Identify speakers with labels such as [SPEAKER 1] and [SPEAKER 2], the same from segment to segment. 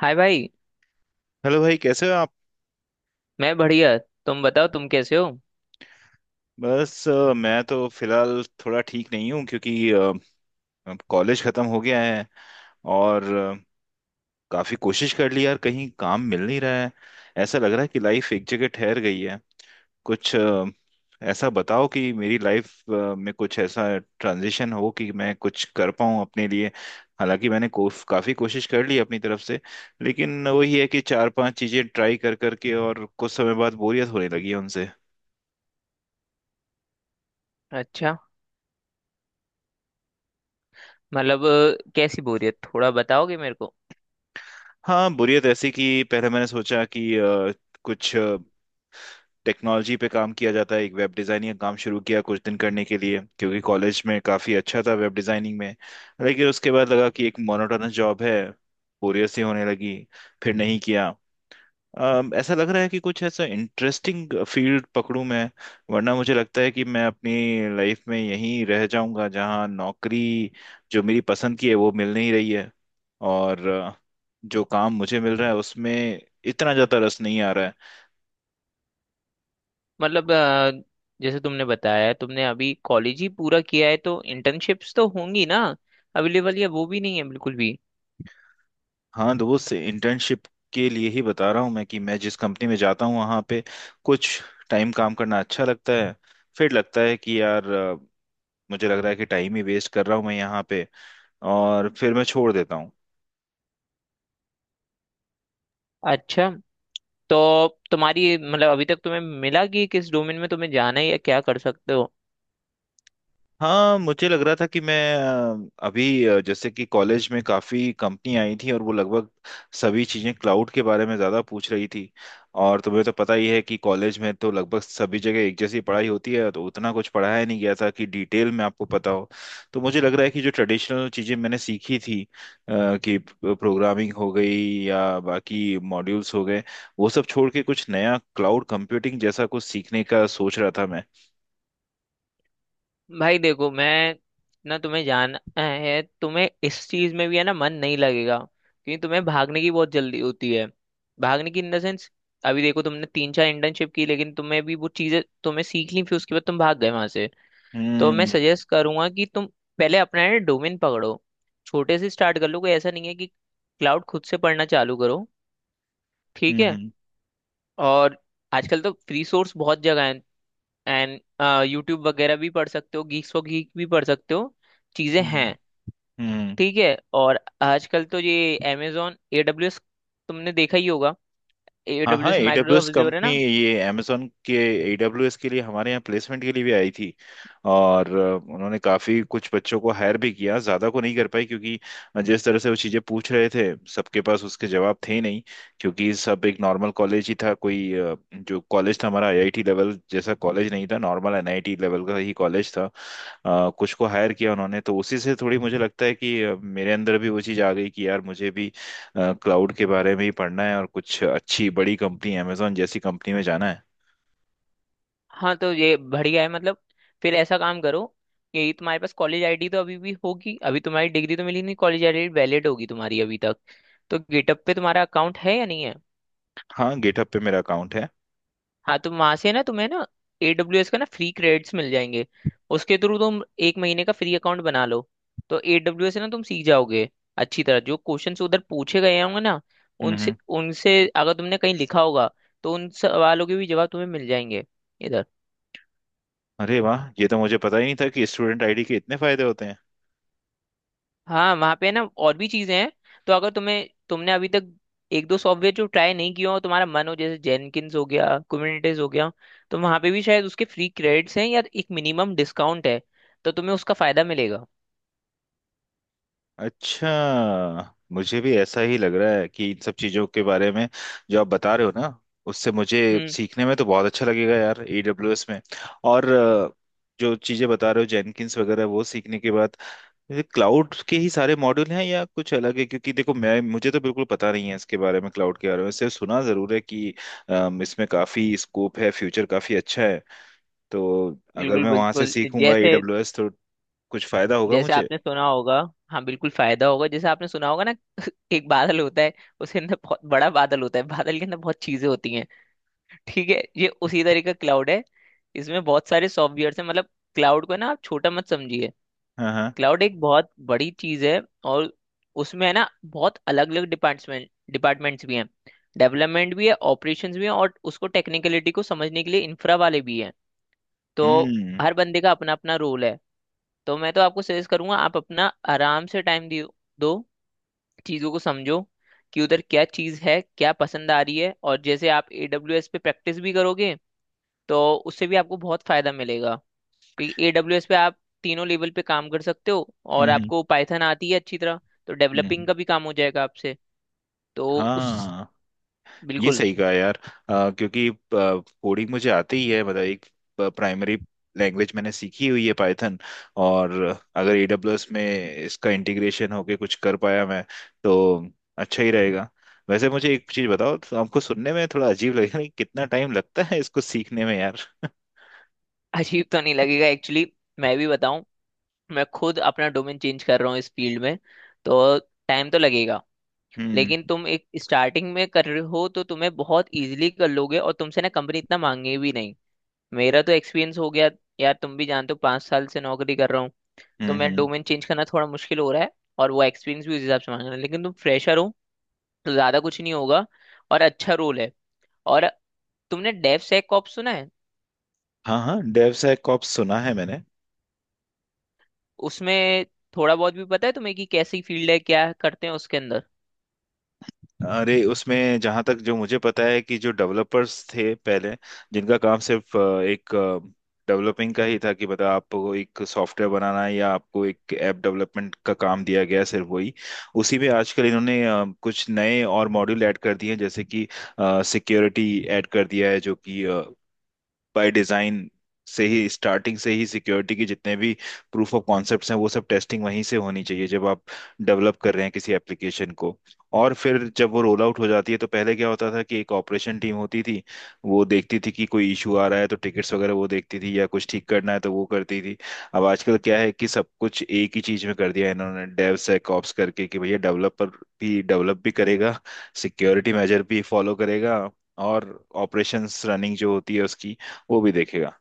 [SPEAKER 1] हाय भाई।
[SPEAKER 2] हेलो भाई, कैसे हो आप?
[SPEAKER 1] मैं बढ़िया, तुम बताओ तुम कैसे हो?
[SPEAKER 2] मैं तो फिलहाल थोड़ा ठीक नहीं हूँ क्योंकि अब कॉलेज ख़त्म हो गया है। और काफ़ी कोशिश कर ली यार, कहीं काम मिल नहीं रहा है। ऐसा लग रहा है कि लाइफ एक जगह ठहर गई है। कुछ ऐसा बताओ कि मेरी लाइफ में कुछ ऐसा ट्रांजिशन हो कि मैं कुछ कर पाऊँ अपने लिए। हालांकि मैंने काफ़ी कोशिश कर ली अपनी तरफ से, लेकिन वही है कि चार पांच चीज़ें ट्राई कर करके और कुछ समय बाद बोरियत होने लगी है।
[SPEAKER 1] अच्छा। मतलब कैसी बोरियत थोड़ा बताओगे मेरे को?
[SPEAKER 2] हाँ, बुरियत ऐसी कि पहले मैंने सोचा कि कुछ टेक्नोलॉजी पे काम किया जाता है। एक वेब डिज़ाइनिंग का काम शुरू किया कुछ दिन करने के लिए, क्योंकि कॉलेज में काफ़ी अच्छा था वेब डिज़ाइनिंग में। लेकिन उसके बाद लगा कि एक मोनोटोनस जॉब है, बोरियत सी होने लगी, फिर नहीं किया। ऐसा लग रहा है कि कुछ ऐसा इंटरेस्टिंग फील्ड पकड़ूं मैं। वरना मुझे लगता है कि मैं अपनी लाइफ में यहीं रह जाऊंगा, जहां नौकरी जो मेरी पसंद की है वो मिल नहीं रही है। और जो काम मुझे मिल रहा है उसमें इतना ज़्यादा रस नहीं आ रहा है।
[SPEAKER 1] मतलब जैसे तुमने बताया, तुमने अभी कॉलेज ही पूरा किया है तो इंटर्नशिप्स तो होंगी ना, अवेलेबल, या वो भी नहीं है बिल्कुल भी?
[SPEAKER 2] हाँ दोस्त, इंटर्नशिप के लिए ही बता रहा हूँ मैं कि मैं जिस कंपनी में जाता हूँ वहाँ पे कुछ टाइम काम करना अच्छा लगता है। फिर लगता है कि यार, मुझे लग रहा है कि टाइम ही वेस्ट कर रहा हूँ मैं यहाँ पे, और फिर मैं छोड़ देता हूँ।
[SPEAKER 1] अच्छा। तो तुम्हारी मतलब अभी तक तुम्हें मिला कि किस डोमेन में तुम्हें जाना है या क्या कर सकते हो?
[SPEAKER 2] हाँ, मुझे लग रहा था कि मैं अभी जैसे कि कॉलेज में काफ़ी कंपनी आई थी, और वो लगभग सभी चीज़ें क्लाउड के बारे में ज़्यादा पूछ रही थी। और तुम्हें तो पता ही है कि कॉलेज में तो लगभग सभी जगह एक जैसी पढ़ाई होती है, तो उतना कुछ पढ़ाया नहीं गया था कि डिटेल में आपको पता हो। तो मुझे लग रहा है कि जो ट्रेडिशनल चीज़ें मैंने सीखी थी, कि प्रोग्रामिंग हो गई या बाकी मॉड्यूल्स हो गए, वो सब छोड़ के कुछ नया क्लाउड कंप्यूटिंग जैसा कुछ सीखने का सोच रहा था मैं।
[SPEAKER 1] भाई देखो, मैं ना, तुम्हें जाना है तुम्हें इस चीज में भी है ना, मन नहीं लगेगा क्योंकि तुम्हें भागने की बहुत जल्दी होती है। भागने की इन द सेंस, अभी देखो तुमने तीन चार इंटर्नशिप की, लेकिन तुम्हें भी वो चीजें तुम्हें सीख ली फिर उसके बाद तुम भाग गए वहां से। तो मैं
[SPEAKER 2] हम्म।
[SPEAKER 1] सजेस्ट करूंगा कि तुम पहले अपना है डोमेन पकड़ो, छोटे से स्टार्ट कर लो। कोई ऐसा नहीं है कि क्लाउड खुद से पढ़ना चालू करो, ठीक
[SPEAKER 2] हम्म।
[SPEAKER 1] है?
[SPEAKER 2] हम्म।
[SPEAKER 1] और आजकल तो फ्री सोर्स बहुत जगह है, एंड यूट्यूब वगैरह भी पढ़ सकते हो, गीक्स फॉर गीक भी पढ़ सकते हो, चीजें हैं।
[SPEAKER 2] हम्म। हम्म।
[SPEAKER 1] ठीक है, और आजकल तो ये अमेजोन एडब्ल्यूएस, तुमने देखा ही होगा,
[SPEAKER 2] हाँ हाँ,
[SPEAKER 1] एडब्ल्यूएस
[SPEAKER 2] AWS
[SPEAKER 1] माइक्रोसॉफ्ट अज़ूर है
[SPEAKER 2] कंपनी,
[SPEAKER 1] ना?
[SPEAKER 2] ये Amazon के AWS के लिए हमारे यहाँ प्लेसमेंट के लिए भी आई थी। और उन्होंने काफ़ी कुछ बच्चों को हायर भी किया, ज़्यादा को नहीं कर पाई, क्योंकि जिस तरह से वो चीज़ें पूछ रहे थे, सबके पास उसके जवाब थे ही नहीं। क्योंकि सब एक नॉर्मल कॉलेज ही था, कोई जो कॉलेज था हमारा IIT लेवल जैसा कॉलेज नहीं था, नॉर्मल NIT लेवल का ही कॉलेज था। कुछ को हायर किया उन्होंने, तो उसी से थोड़ी मुझे लगता है कि मेरे अंदर भी वो चीज़ आ गई कि यार, मुझे भी क्लाउड के बारे में ही पढ़ना है, और कुछ अच्छी बड़ी कंपनी अमेजोन जैसी कंपनी में जाना है।
[SPEAKER 1] हाँ तो ये बढ़िया है मतलब, फिर ऐसा काम करो कि तुम्हारे पास कॉलेज आईडी तो अभी भी होगी, अभी तुम्हारी डिग्री तो मिली नहीं, कॉलेज आईडी वैलिड होगी तुम्हारी अभी तक। तो गेटअप पे तुम्हारा अकाउंट है या नहीं है?
[SPEAKER 2] हाँ, गेटअप पे मेरा अकाउंट है।
[SPEAKER 1] हाँ तो वहां से ना तुम्हें ना AWS एस का ना फ्री क्रेडिट्स मिल जाएंगे, उसके थ्रू तुम एक महीने का फ्री अकाउंट बना लो। तो AWS से ना तुम सीख जाओगे अच्छी तरह, जो क्वेश्चंस उधर पूछे गए होंगे ना,
[SPEAKER 2] हम्म। हम्म।
[SPEAKER 1] उनसे उनसे अगर तुमने कहीं लिखा होगा तो उन सवालों के भी जवाब तुम्हें मिल जाएंगे इधर।
[SPEAKER 2] अरे वाह, ये तो मुझे पता ही नहीं था कि स्टूडेंट आईडी के इतने फायदे होते हैं।
[SPEAKER 1] हाँ वहाँ पे ना और भी चीजें हैं, तो अगर तुम्हें तुमने अभी तक एक दो सॉफ्टवेयर जो ट्राई नहीं किया हो तुम्हारा मन हो, जैसे जेनकिन्स हो गया, कुबरनेटिस हो गया, तो वहाँ पे भी शायद उसके फ्री क्रेडिट्स हैं या एक मिनिमम डिस्काउंट है, तो तुम्हें उसका फायदा मिलेगा।
[SPEAKER 2] अच्छा, मुझे भी ऐसा ही लग रहा है कि इन सब चीज़ों के बारे में जो आप बता रहे हो ना, उससे मुझे
[SPEAKER 1] हम्म।
[SPEAKER 2] सीखने में तो बहुत अच्छा लगेगा यार AWS में। और जो चीज़ें बता रहे हो जेनकिंस वगैरह वो सीखने के बाद क्लाउड के ही सारे मॉड्यूल हैं या कुछ अलग है, क्योंकि देखो मैं मुझे तो बिल्कुल पता नहीं है इसके बारे में, क्लाउड के बारे में सिर्फ सुना जरूर है कि इसमें काफी स्कोप है, फ्यूचर काफी अच्छा है। तो अगर
[SPEAKER 1] बिल्कुल,
[SPEAKER 2] मैं वहां से सीखूंगा
[SPEAKER 1] जैसे
[SPEAKER 2] एडब्ल्यूएस, तो कुछ फायदा होगा
[SPEAKER 1] जैसे
[SPEAKER 2] मुझे।
[SPEAKER 1] आपने सुना होगा, हाँ बिल्कुल फायदा होगा। जैसे आपने सुना होगा ना एक बादल होता है, उसके अंदर बहुत बड़ा बादल होता है, बादल के अंदर बहुत चीजें होती हैं। ठीक है, ये उसी तरह का क्लाउड है। इसमें बहुत सारे सॉफ्टवेयर हैं, मतलब क्लाउड को ना आप छोटा मत समझिए।
[SPEAKER 2] हाँ हाँ।
[SPEAKER 1] क्लाउड एक बहुत बड़ी चीज है, और उसमें है ना, बहुत अलग अलग डिपार्टमेंट्स भी हैं। डेवलपमेंट भी है, ऑपरेशंस भी है, और उसको टेक्निकलिटी को समझने के लिए इंफ्रा वाले भी हैं। तो
[SPEAKER 2] हम्म।
[SPEAKER 1] हर बंदे का अपना अपना रोल है। तो मैं तो आपको सजेस्ट करूंगा, आप अपना आराम से टाइम दियो, दो चीज़ों को समझो कि उधर क्या चीज़ है, क्या पसंद आ रही है, और जैसे आप AWS पे प्रैक्टिस भी करोगे तो उससे भी आपको बहुत फायदा मिलेगा। एडब्ल्यूएस पे आप तीनों लेवल पे काम कर सकते हो,
[SPEAKER 2] हम्म।
[SPEAKER 1] और
[SPEAKER 2] हम्म।
[SPEAKER 1] आपको पाइथन आती है अच्छी तरह, तो डेवलपिंग
[SPEAKER 2] हम्म।
[SPEAKER 1] का भी काम हो जाएगा आपसे। तो उस,
[SPEAKER 2] हाँ, ये
[SPEAKER 1] बिल्कुल
[SPEAKER 2] सही कहा यार। क्योंकि कोडिंग मुझे आती ही है, मतलब एक प्राइमरी लैंग्वेज मैंने सीखी हुई है, पाइथन। और अगर AWS में इसका इंटीग्रेशन होके कुछ कर पाया मैं, तो अच्छा ही रहेगा। वैसे मुझे एक चीज बताओ, तो आपको सुनने में थोड़ा अजीब लगेगा कि कितना टाइम लगता है इसको सीखने में यार।
[SPEAKER 1] अजीब तो नहीं लगेगा एक्चुअली, मैं भी बताऊं, मैं खुद अपना डोमेन चेंज कर रहा हूँ इस फील्ड में, तो टाइम तो लगेगा,
[SPEAKER 2] हम्म।
[SPEAKER 1] लेकिन तुम एक स्टार्टिंग में कर रहे हो तो तुम्हें बहुत इजीली कर लोगे, और तुमसे ना कंपनी इतना मांगे भी नहीं। मेरा तो एक्सपीरियंस हो गया, यार तुम भी जानते हो पाँच साल से नौकरी कर रहा हूँ, तो
[SPEAKER 2] हम्म।
[SPEAKER 1] मैं
[SPEAKER 2] हम्म।
[SPEAKER 1] डोमेन चेंज करना थोड़ा मुश्किल हो रहा है, और वो एक्सपीरियंस भी उस हिसाब से मांग रहा है, लेकिन तुम फ्रेशर हो तो ज्यादा कुछ नहीं होगा, और अच्छा रोल है। और तुमने डेव सेक कॉप्स सुना है?
[SPEAKER 2] हाँ हाँ, डेव सैकऑप्स सुना है मैंने।
[SPEAKER 1] उसमें थोड़ा बहुत भी पता है तुम्हें कि कैसी फील्ड है, क्या करते हैं उसके अंदर?
[SPEAKER 2] अरे उसमें जहां तक जो मुझे पता है, कि जो डेवलपर्स थे पहले, जिनका काम सिर्फ एक डेवलपिंग का ही था, कि मतलब आपको एक सॉफ्टवेयर बनाना है या आपको एक ऐप डेवलपमेंट का काम दिया गया है, सिर्फ वही। उसी में आजकल इन्होंने कुछ नए और मॉड्यूल ऐड कर दिए हैं, जैसे कि सिक्योरिटी ऐड कर दिया है। जो कि बाय डिजाइन से ही, स्टार्टिंग से ही, सिक्योरिटी की जितने भी प्रूफ ऑफ कॉन्सेप्ट्स हैं वो सब टेस्टिंग वहीं से होनी चाहिए जब आप डेवलप कर रहे हैं किसी एप्लीकेशन को। और फिर जब वो रोल आउट हो जाती है, तो पहले क्या होता था कि एक ऑपरेशन टीम होती थी, वो देखती थी कि कोई इशू आ रहा है तो टिकट्स वगैरह वो देखती थी, या कुछ ठीक करना है तो वो करती थी। अब आजकल क्या है कि सब कुछ एक ही चीज में कर दिया है इन्होंने, डेव सेक ऑप्स करके, कि भैया डेवलपर भी डेवलप भी करेगा, सिक्योरिटी मेजर भी फॉलो करेगा, और ऑपरेशंस रनिंग जो होती है उसकी वो भी देखेगा।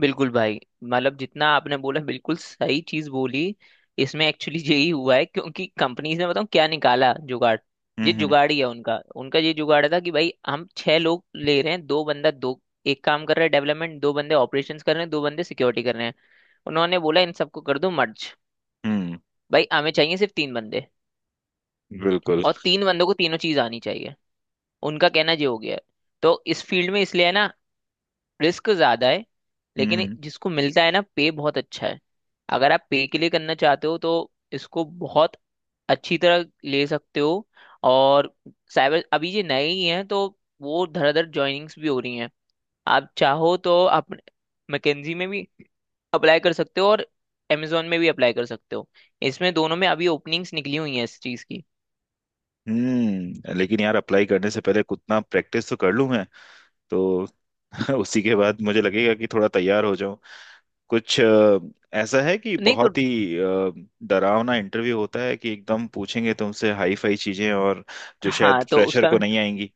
[SPEAKER 1] बिल्कुल भाई, मतलब जितना आपने बोला बिल्कुल सही चीज बोली। इसमें एक्चुअली यही हुआ है, क्योंकि कंपनीज ने, बताऊं क्या निकाला जुगाड़,
[SPEAKER 2] हम्म।
[SPEAKER 1] ये
[SPEAKER 2] हम्म।
[SPEAKER 1] जुगाड़ ही है उनका उनका ये जुगाड़ था कि भाई हम छह लोग ले रहे हैं, दो बंदा दो, एक काम कर रहा है डेवलपमेंट, दो बंदे ऑपरेशंस कर रहे हैं, दो बंदे सिक्योरिटी कर रहे हैं। उन्होंने बोला इन सबको कर दो मर्ज,
[SPEAKER 2] हम्म।
[SPEAKER 1] भाई हमें चाहिए सिर्फ तीन बंदे,
[SPEAKER 2] बिल्कुल।
[SPEAKER 1] और तीन बंदों को तीनों चीज आनी चाहिए। उनका कहना ये हो गया है। तो इस फील्ड में इसलिए है ना, रिस्क ज्यादा है, लेकिन
[SPEAKER 2] हम्म।
[SPEAKER 1] जिसको मिलता है ना पे बहुत अच्छा है। अगर आप पे के लिए करना चाहते हो तो इसको बहुत अच्छी तरह ले सकते हो। और साइबर अभी ये नए ही हैं तो वो धड़ाधड़ ज्वाइनिंग्स भी हो रही हैं। आप चाहो तो आप मैकेंजी में भी अप्लाई कर सकते हो और Amazon में भी अप्लाई कर सकते हो। इसमें दोनों में अभी ओपनिंग्स निकली हुई हैं इस चीज़ की।
[SPEAKER 2] हम्म, लेकिन यार, अप्लाई करने से पहले उतना प्रैक्टिस तो कर लूं मैं, तो उसी के बाद मुझे लगेगा कि थोड़ा तैयार हो जाऊं। कुछ ऐसा है कि
[SPEAKER 1] नहीं तो,
[SPEAKER 2] बहुत ही डरावना इंटरव्यू होता है, कि एकदम पूछेंगे तुमसे हाई फाई चीजें और जो
[SPEAKER 1] हाँ
[SPEAKER 2] शायद
[SPEAKER 1] तो
[SPEAKER 2] फ्रेशर
[SPEAKER 1] उसका,
[SPEAKER 2] को नहीं आएंगी।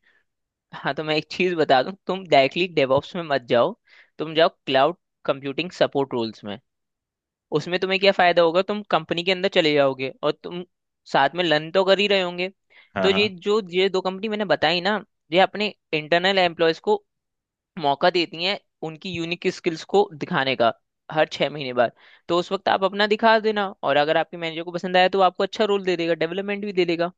[SPEAKER 1] हाँ तो मैं एक चीज बता दूं, तुम डायरेक्टली डेवऑप्स में मत जाओ। तुम जाओ क्लाउड कंप्यूटिंग सपोर्ट रोल्स में। उसमें तुम्हें क्या फायदा होगा, तुम कंपनी के अंदर चले जाओगे और तुम साथ में लर्न तो कर ही रहे होंगे। तो
[SPEAKER 2] हाँ
[SPEAKER 1] ये
[SPEAKER 2] हाँ।
[SPEAKER 1] जो ये दो कंपनी मैंने बताई ना, ये अपने इंटरनल एम्प्लॉयज को मौका देती हैं उनकी यूनिक स्किल्स को दिखाने का, हर छह महीने बाद। तो उस वक्त आप अपना दिखा देना, और अगर आपके मैनेजर को पसंद आया तो वो आपको अच्छा रोल दे देगा, डेवलपमेंट भी दे देगा।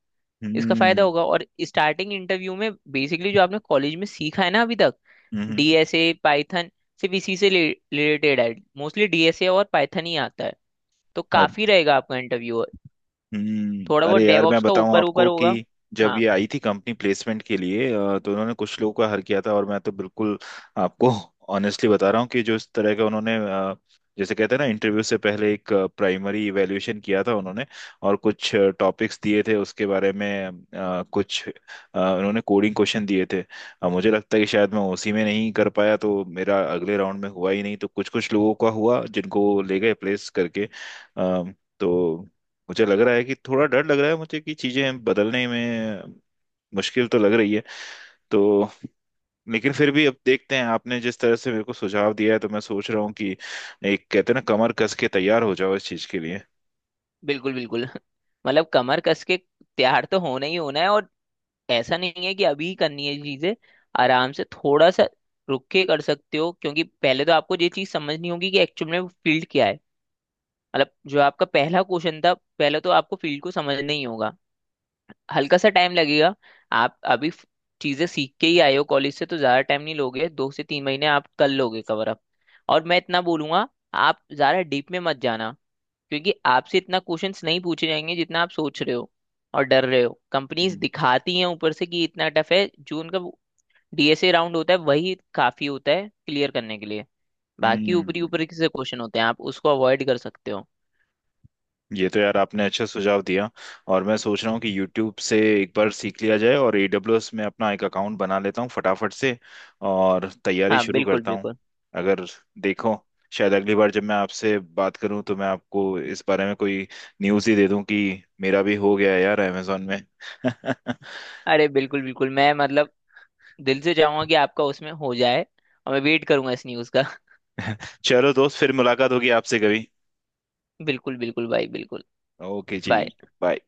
[SPEAKER 1] इसका फायदा
[SPEAKER 2] हम्म।
[SPEAKER 1] होगा, और स्टार्टिंग इंटरव्यू में बेसिकली जो आपने कॉलेज में सीखा है ना अभी तक,
[SPEAKER 2] हम्म। हम्म।
[SPEAKER 1] डीएसए पाइथन, सिर्फ इसी से रिलेटेड है। मोस्टली डीएसए और पाइथन ही आता है, तो काफी रहेगा आपका इंटरव्यू,
[SPEAKER 2] हम्म,
[SPEAKER 1] थोड़ा बहुत
[SPEAKER 2] अरे यार, मैं
[SPEAKER 1] डेवऑप्स का
[SPEAKER 2] बताऊं
[SPEAKER 1] ऊपर ऊपर
[SPEAKER 2] आपको कि
[SPEAKER 1] होगा।
[SPEAKER 2] जब
[SPEAKER 1] हाँ
[SPEAKER 2] ये आई थी कंपनी प्लेसमेंट के लिए, तो उन्होंने कुछ लोगों का हर किया था, और मैं तो बिल्कुल आपको ऑनेस्टली बता रहा हूँ कि जो इस तरह का उन्होंने जैसे कहते हैं ना, इंटरव्यू से पहले एक प्राइमरी इवैल्यूएशन किया था उन्होंने, और कुछ टॉपिक्स दिए थे उसके बारे में। कुछ उन्होंने कोडिंग क्वेश्चन दिए थे। मुझे लगता है कि शायद मैं उसी में नहीं कर पाया, तो मेरा अगले राउंड में हुआ ही नहीं, तो कुछ कुछ लोगों का हुआ जिनको ले गए प्लेस करके। अ, तो मुझे लग रहा है कि थोड़ा डर लग रहा है मुझे कि चीजें बदलने में मुश्किल तो लग रही है। तो लेकिन फिर भी अब देखते हैं, आपने जिस तरह से मेरे को सुझाव दिया है, तो मैं सोच रहा हूँ कि एक, कहते हैं ना, कमर कस के तैयार हो जाओ इस चीज के लिए।
[SPEAKER 1] बिल्कुल बिल्कुल मतलब कमर कस के तैयार तो होना ही होना है। और ऐसा नहीं है कि अभी ही करनी है चीजें, आराम से थोड़ा सा रुक के कर सकते हो, क्योंकि पहले तो आपको ये चीज समझनी होगी कि एक्चुअल में वो फील्ड क्या है, मतलब जो आपका पहला क्वेश्चन था, पहले तो आपको फील्ड को समझना ही होगा। हल्का सा टाइम लगेगा, आप अभी चीजें सीख के ही आए हो कॉलेज से, तो ज्यादा टाइम नहीं लोगे, दो से तीन महीने आप कर लोगे कवर अप। और मैं इतना बोलूंगा, आप ज्यादा डीप में मत जाना, क्योंकि आपसे इतना क्वेश्चंस नहीं पूछे जाएंगे जितना आप सोच रहे हो और डर रहे हो। कंपनीज
[SPEAKER 2] हम्म।
[SPEAKER 1] दिखाती हैं ऊपर से कि इतना टफ है, जो उनका डीएसए राउंड होता है वही काफी होता है क्लियर करने के लिए, बाकी ऊपरी
[SPEAKER 2] हम्म।
[SPEAKER 1] ऊपरी से क्वेश्चन होते हैं आप उसको अवॉइड कर सकते हो।
[SPEAKER 2] ये तो यार, आपने अच्छा सुझाव दिया। और मैं सोच रहा हूँ कि YouTube से एक बार सीख लिया जाए और AWS में अपना एक अकाउंट बना लेता हूँ फटाफट से, और तैयारी
[SPEAKER 1] हाँ
[SPEAKER 2] शुरू
[SPEAKER 1] बिल्कुल
[SPEAKER 2] करता हूँ।
[SPEAKER 1] बिल्कुल।
[SPEAKER 2] अगर देखो, शायद अगली बार जब मैं आपसे बात करूँ, तो मैं आपको इस बारे में कोई न्यूज़ ही दे दूँ कि मेरा भी हो गया है यार Amazon में।
[SPEAKER 1] अरे बिल्कुल बिल्कुल, मैं मतलब दिल से चाहूंगा कि आपका उसमें हो जाए, और मैं वेट करूंगा इस न्यूज़ का
[SPEAKER 2] चलो दोस्त, फिर मुलाकात होगी आपसे कभी।
[SPEAKER 1] बिल्कुल बिल्कुल भाई, बिल्कुल।
[SPEAKER 2] ओके जी।
[SPEAKER 1] बाय।
[SPEAKER 2] बाय।